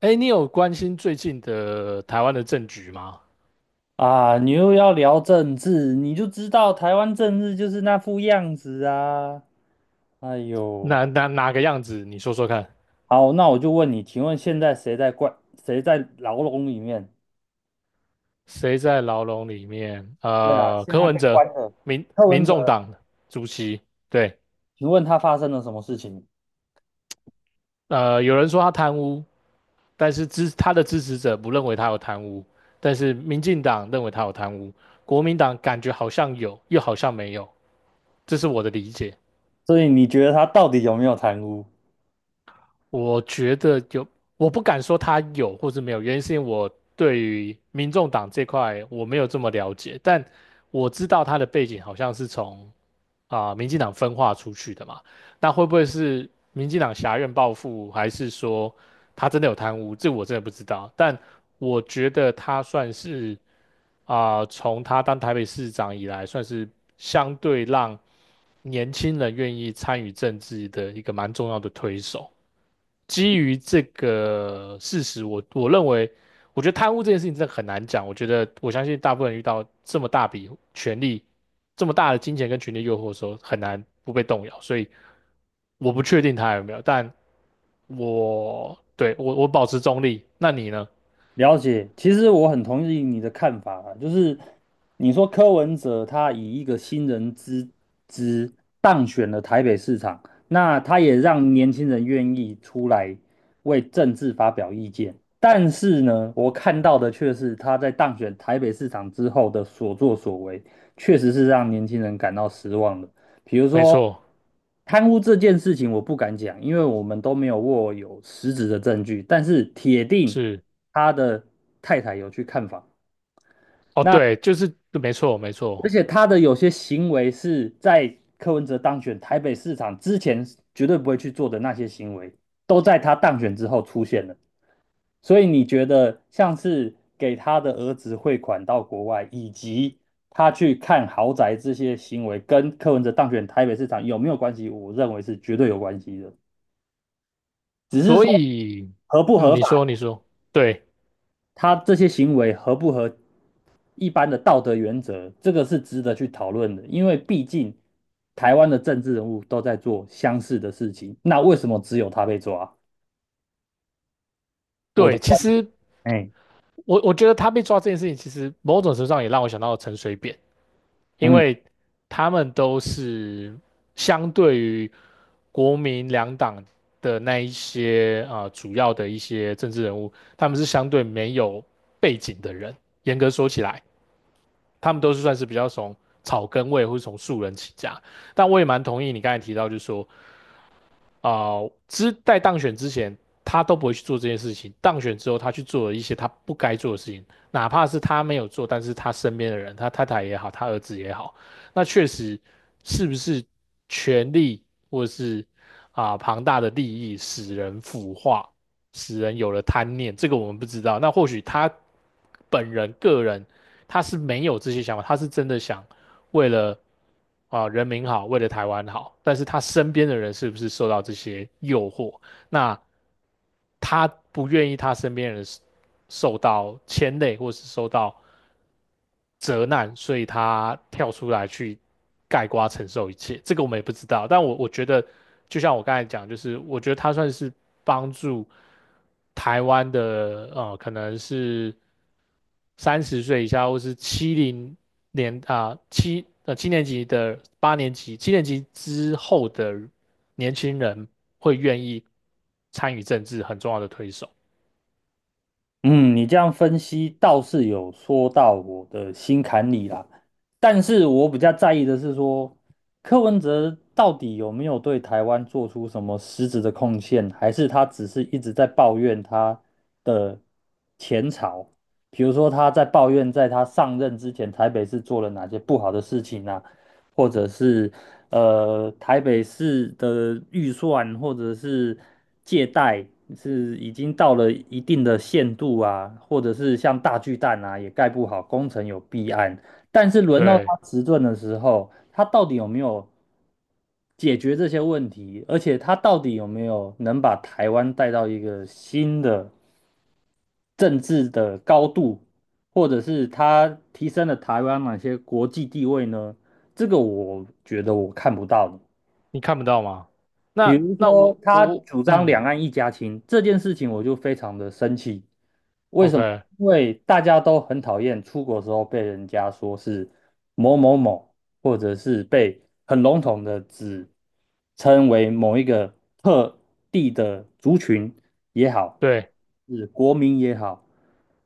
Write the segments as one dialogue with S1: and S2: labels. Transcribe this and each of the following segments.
S1: 哎，你有关心最近的台湾的政局吗？
S2: 啊，你又要聊政治，你就知道台湾政治就是那副样子啊！哎呦，
S1: 哪个样子？你说说看，
S2: 好，那我就问你，请问现在谁在关，谁在牢笼里面？
S1: 谁在牢笼里面？
S2: 对啊，现
S1: 柯
S2: 在
S1: 文
S2: 被
S1: 哲，
S2: 关了。
S1: 民
S2: 柯文
S1: 民众
S2: 哲，
S1: 党主席，对，
S2: 请问他发生了什么事情？
S1: 有人说他贪污，但是他的支持者不认为他有贪污，但是民进党认为他有贪污，国民党感觉好像有，又好像没有，这是我的理解。
S2: 所以你觉得他到底有没有贪污？
S1: 我觉得有，我不敢说他有或是没有，原因是因为我对于民众党这块我没有这么了解，但我知道他的背景好像是从民进党分化出去的嘛，那会不会是民进党挟院报复，还是说他真的有贪污？这我真的不知道，但我觉得他算是从他当台北市长以来，算是相对让年轻人愿意参与政治的一个蛮重要的推手。基于这个事实，我认为，我觉得贪污这件事情真的很难讲。我觉得我相信大部分人遇到这么大笔权力、这么大的金钱跟权力诱惑的时候，很难不被动摇。所以我不确定他有没有，但我对我我保持中立。那你呢？
S2: 了解，其实我很同意你的看法啊，就是你说柯文哲他以一个新人之姿当选了台北市长，那他也让年轻人愿意出来为政治发表意见。但是呢，我看到的却是他在当选台北市长之后的所作所为，确实是让年轻人感到失望的。比如
S1: 没
S2: 说
S1: 错，
S2: 贪污这件事情，我不敢讲，因为我们都没有握有实质的证据，但是铁定
S1: 是
S2: 他的太太有去看房，
S1: 哦，对，就是没错没
S2: 而
S1: 错。
S2: 且他的有些行为是在柯文哲当选台北市长之前绝对不会去做的那些行为，都在他当选之后出现了。所以你觉得像是给他的儿子汇款到国外，以及他去看豪宅这些行为，跟柯文哲当选台北市长有没有关系？我认为是绝对有关系的。只是
S1: 所
S2: 说
S1: 以，
S2: 合不
S1: 嗯，
S2: 合
S1: 你
S2: 法，
S1: 说你说，对
S2: 他这些行为合不合一般的道德原则，这个是值得去讨论的。因为毕竟台湾的政治人物都在做相似的事情，那为什么只有他被抓？我的
S1: 对，其
S2: 观点，
S1: 实
S2: 哎，
S1: 我觉得他被抓这件事情，其实某种程度上也让我想到陈水扁。因
S2: 嗯。
S1: 为他们都是相对于国民两党的那一些主要的一些政治人物，他们是相对没有背景的人，严格说起来。他们都是算是比较从草根位或是从素人起家。但我也蛮同意你刚才提到，就是说，啊、在当选之前，他都不会去做这件事情；当选之后，他去做了一些他不该做的事情，哪怕是他没有做，但是他身边的人，他太太也好，他儿子也好，那确实是不是权力或是庞大的利益使人腐化，使人有了贪念，这个我们不知道。那或许他本人个人他是没有这些想法，他是真的想为了人民好，为了台湾好，但是他身边的人是不是受到这些诱惑？那他不愿意他身边人受到牵累，或是受到责难，所以他跳出来去盖瓜承受一切。这个我们也不知道，但我觉得，就像我刚才讲，就是我觉得他算是帮助台湾的可能是30岁以下或是七零年啊七呃七年级的八年级七年级之后的年轻人会愿意参与政治很重要的推手。
S2: 嗯，你这样分析倒是有说到我的心坎里啦，但是我比较在意的是说，柯文哲到底有没有对台湾做出什么实质的贡献，还是他只是一直在抱怨他的前朝，比如说他在抱怨在他上任之前台北市做了哪些不好的事情啊，或者是台北市的预算或者是借贷是已经到了一定的限度啊，或者是像大巨蛋啊也盖不好，工程有弊案，但是轮到他
S1: 对，
S2: 执政的时候，他到底有没有解决这些问题，而且他到底有没有能把台湾带到一个新的政治的高度？或者是他提升了台湾哪些国际地位呢？这个我觉得我看不到的。
S1: 你看不到吗？
S2: 比
S1: 那
S2: 如
S1: 那
S2: 说，
S1: 我我
S2: 他
S1: 我
S2: 主张
S1: 嗯
S2: 两岸一家亲这件事情，我就非常的生气。为什么？
S1: ，OK，
S2: 因为大家都很讨厌出国的时候被人家说是某某某，或者是被很笼统的指称为某一个特地的族群也好，
S1: 对，
S2: 是国民也好，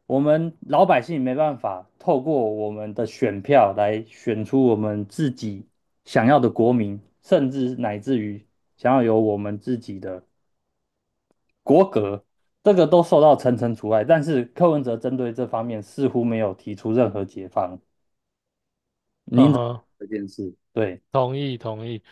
S2: 我们老百姓没办法透过我们的选票来选出我们自己想要的国民，甚至乃至于想要有我们自己的国格，这个都受到层层阻碍。但是柯文哲针对这方面似乎没有提出任何解放。
S1: 嗯
S2: 您怎么
S1: 哼，
S2: 看这件事？对，
S1: 同意同意。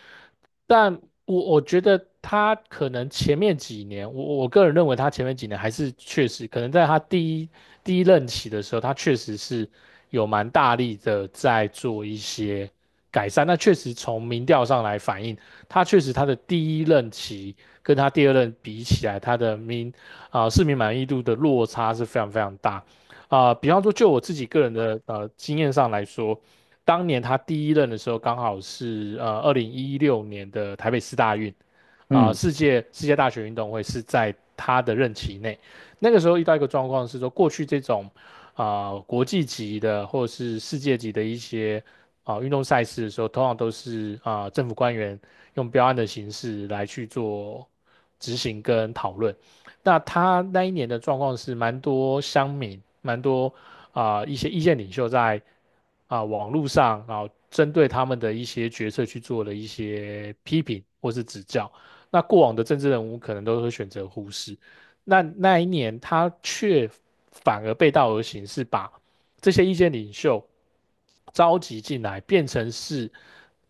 S1: 但我觉得他可能前面几年，我个人认为他前面几年还是确实可能在他第一任期的时候，他确实是有蛮大力的在做一些改善。那确实从民调上来反映，他确实他的第一任期跟他第二任比起来，他的市民满意度的落差是非常非常大。比方说就我自己个人的经验上来说。当年他第一任的时候，刚好是2016年的台北市大运，
S2: 嗯。
S1: 世界大学运动会是在他的任期内。那个时候遇到一个状况是说，过去这种国际级的或者是世界级的一些运动赛事的时候，通常都是政府官员用标案的形式来去做执行跟讨论。那他那一年的状况是，蛮多乡民，蛮多一些意见领袖在网络上，然后针对他们的一些决策去做了一些批评或是指教。那过往的政治人物可能都会选择忽视。那一年他却反而背道而行，是把这些意见领袖召集进来，变成是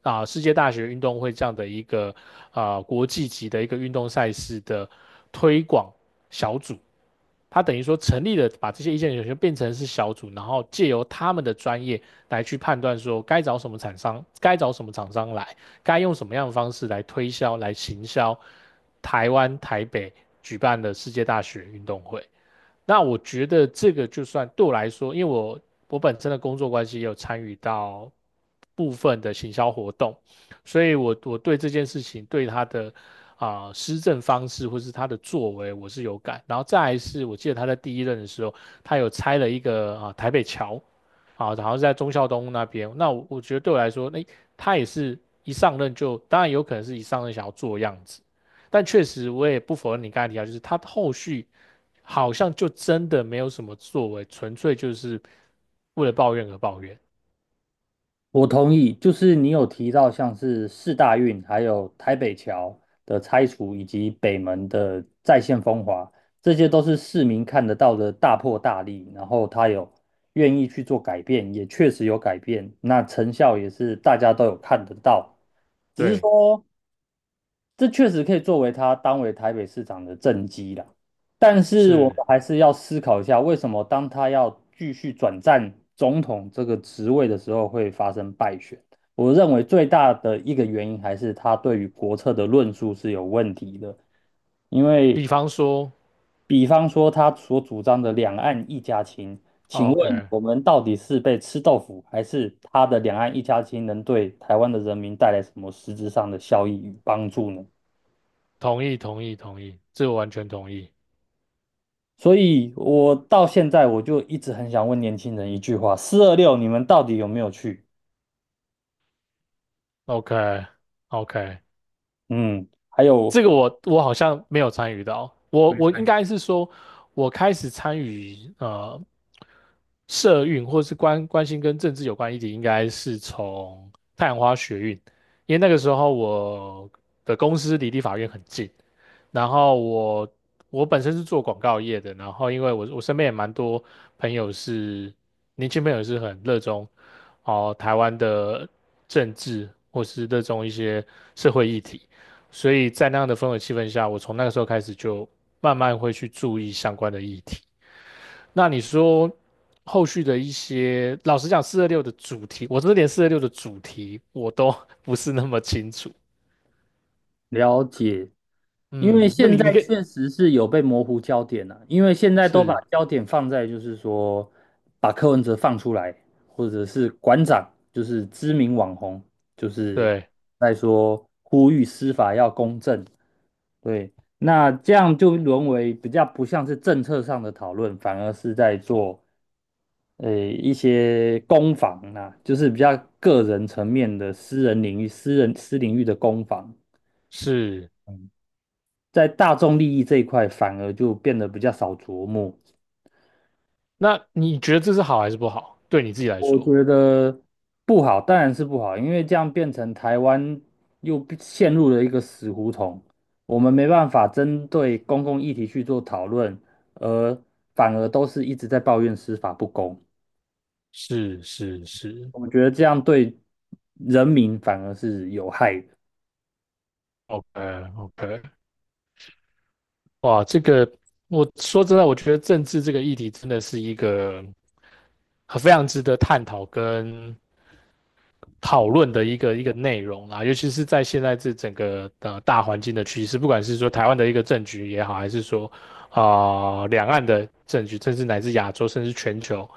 S1: 世界大学运动会这样的一个国际级的一个运动赛事的推广小组。他等于说成立了，把这些意见领袖变成是小组，然后借由他们的专业来去判断说该找什么厂商，该找什么厂商来。该用什么样的方式来推销、来行销台湾台北举办的世界大学运动会。那我觉得这个就算对我来说，因为我本身的工作关系也有参与到部分的行销活动，所以我对这件事情对他的施政方式或是他的作为我是有感。然后再来是我记得他在第一任的时候，他有拆了一个台北桥，好，然后是在忠孝东路那边。那我觉得对我来说，那、他也是一上任就，当然有可能是一上任想要做样子，但确实我也不否认你刚才提到，就是他后续好像就真的没有什么作为，纯粹就是为了抱怨而抱怨。
S2: 我同意，就是你有提到像是四大运，还有台北桥的拆除，以及北门的再现风华，这些都是市民看得到的大破大立，然后他有愿意去做改变，也确实有改变，那成效也是大家都有看得到。只是。
S1: 对，
S2: 这确实可以作为他当为台北市长的政绩啦。但是我
S1: 是，
S2: 们还是要思考一下，为什么当他要继续转战总统这个职位的时候会发生败选？我认为最大的一个原因还是他对于国策的论述是有问题的，因为
S1: 比方说
S2: 比方说他所主张的两岸一家亲，请
S1: o
S2: 问
S1: k
S2: 我们到底是被吃豆腐，还是他的两岸一家亲能对台湾的人民带来什么实质上的效益与帮助呢？
S1: 同意，同意，同意，这个完全同意。
S2: 所以我到现在我就一直很想问年轻人一句话：4/26，你们到底有没有去？
S1: OK，OK，
S2: 嗯，还
S1: 这
S2: 有
S1: 个我好像没有参与到，我应该是说，我开始参与。社运或是关心跟政治有关议题，应该是从太阳花学运，因为那个时候我的公司离立法院很近，然后我本身是做广告业的，然后因为我身边也蛮多朋友是年轻朋友是很热衷哦台湾的政治或是热衷一些社会议题，所以在那样的氛围气氛下，我从那个时候开始就慢慢会去注意相关的议题。那你说后续的一些，老实讲，四二六的主题，我真的连四二六的主题我都 不是那么清楚。
S2: 了解，因为
S1: 嗯，那
S2: 现
S1: 你
S2: 在
S1: 可以
S2: 确实是有被模糊焦点了、因为现在都把
S1: 是，
S2: 焦点放在就是说把柯文哲放出来，或者是馆长，就是知名网红，就是
S1: 对，
S2: 在说呼吁司法要公正，对。那这样就沦为比较不像是政策上的讨论，反而是在做。一些攻防啊，就是比较个人层面的私人领域、私人私领域的攻防，
S1: 是。
S2: 嗯在大众利益这一块反而就变得比较少琢磨。
S1: 那你觉得这是好还是不好？对你自己来
S2: 我
S1: 说，
S2: 觉得不好，当然是不好，因为这样变成台湾又变陷入了一个死胡同，我们没办法针对公共议题去做讨论，而反而都是一直在抱怨司法不公。
S1: 是是是
S2: 我觉得这样对人民反而是有害的。
S1: ，OK OK。哇，这个我说真的，我觉得政治这个议题真的是一个很非常值得探讨跟讨论的一个一个内容啦，尤其是在现在这整个大环境的趋势，不管是说台湾的一个政局也好，还是说两岸的政局，甚至乃至亚洲，甚至全球，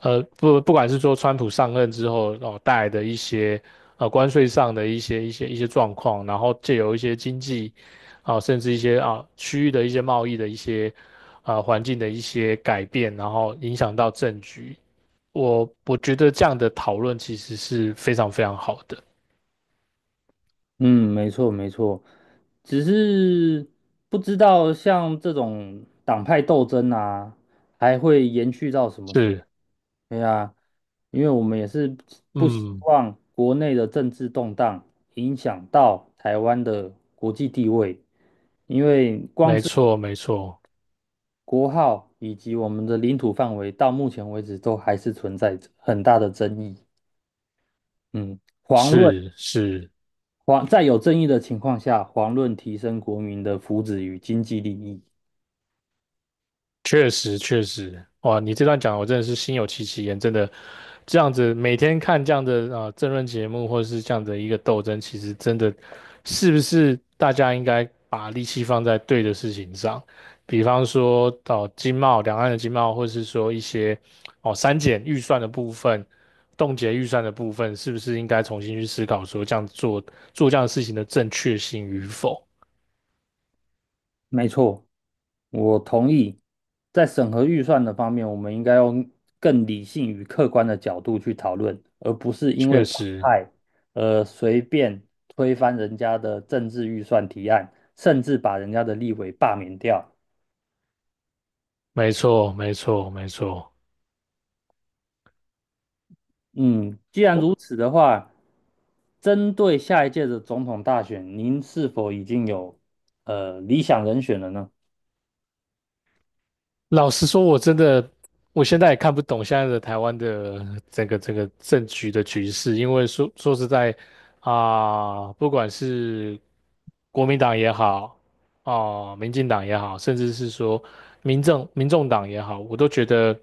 S1: 不管是说川普上任之后带来的一些关税上的一些状况，然后借由一些经济甚至一些区域的一些贸易的一些环境的一些改变，然后影响到政局，我觉得这样的讨论其实是非常非常好的。
S2: 嗯，没错没错，只是不知道像这种党派斗争啊，还会延续到什么时候？
S1: 是，
S2: 对啊，因为我们也是不希
S1: 嗯，
S2: 望国内的政治动荡影响到台湾的国际地位，因为光
S1: 没
S2: 是
S1: 错，没错，
S2: 国号以及我们的领土范围，到目前为止都还是存在着很大的争议。嗯，遑论。
S1: 是是。
S2: 黄在有争议的情况下，黄论提升国民的福祉与经济利益。
S1: 确实，确实，哇！你这段讲，我真的是心有戚戚焉。真的，这样子每天看这样的政论节目，或者是这样的一个斗争，其实真的是不是大家应该把力气放在对的事情上？比方说到，两岸的经贸，或是说一些哦删减预算的部分、冻结预算的部分，是不是应该重新去思考说这样做这样的事情的正确性与否？
S2: 没错，我同意。在审核预算的方面，我们应该用更理性与客观的角度去讨论，而不是因为
S1: 确
S2: 党
S1: 实，
S2: 派而随便推翻人家的政治预算提案，甚至把人家的立委罢免掉。
S1: 没错，没错，没错。
S2: 嗯，既然
S1: 我。
S2: 如此的话，针对下一届的总统大选，您是否已经有理想人选了呢？
S1: 老实说，我真的，我现在也看不懂现在的台湾的这个政局的局势，因为说实在不管是国民党也好，哦、民进党也好，甚至是说民众党也好，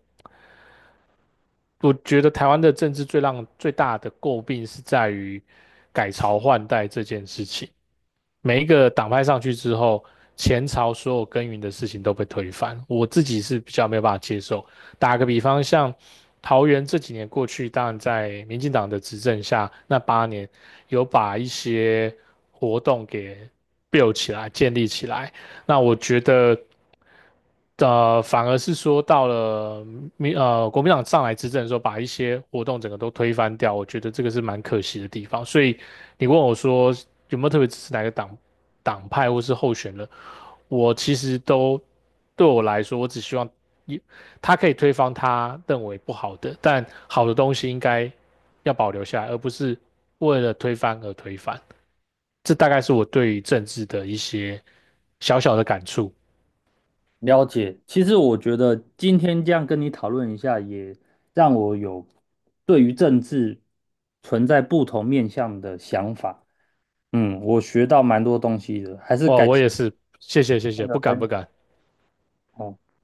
S1: 我觉得台湾的政治最大的诟病是在于改朝换代这件事情。每一个党派上去之后，前朝所有耕耘的事情都被推翻，我自己是比较没有办法接受。打个比方，像桃园这几年过去，当然在民进党的执政下，那八年有把一些活动给 build 起来、建立起来。那我觉得。反而是说到了国民党上来执政的时候，把一些活动整个都推翻掉，我觉得这个是蛮可惜的地方。所以你问我说有没有特别支持哪个党派或是候选人，我其实都对我来说，我只希望一他可以推翻他认为不好的，但好的东西应该要保留下来，而不是为了推翻而推翻。这大概是我对于政治的一些小小的感触。
S2: 了解，其实我觉得今天这样跟你讨论一下，也让我有对于政治存在不同面向的想法。嗯，我学到蛮多东西的，还是
S1: 哇，
S2: 感
S1: 我
S2: 谢
S1: 也
S2: 今
S1: 是，谢谢谢
S2: 天
S1: 谢，
S2: 的
S1: 不敢
S2: 分
S1: 不
S2: 享。
S1: 敢。
S2: 哦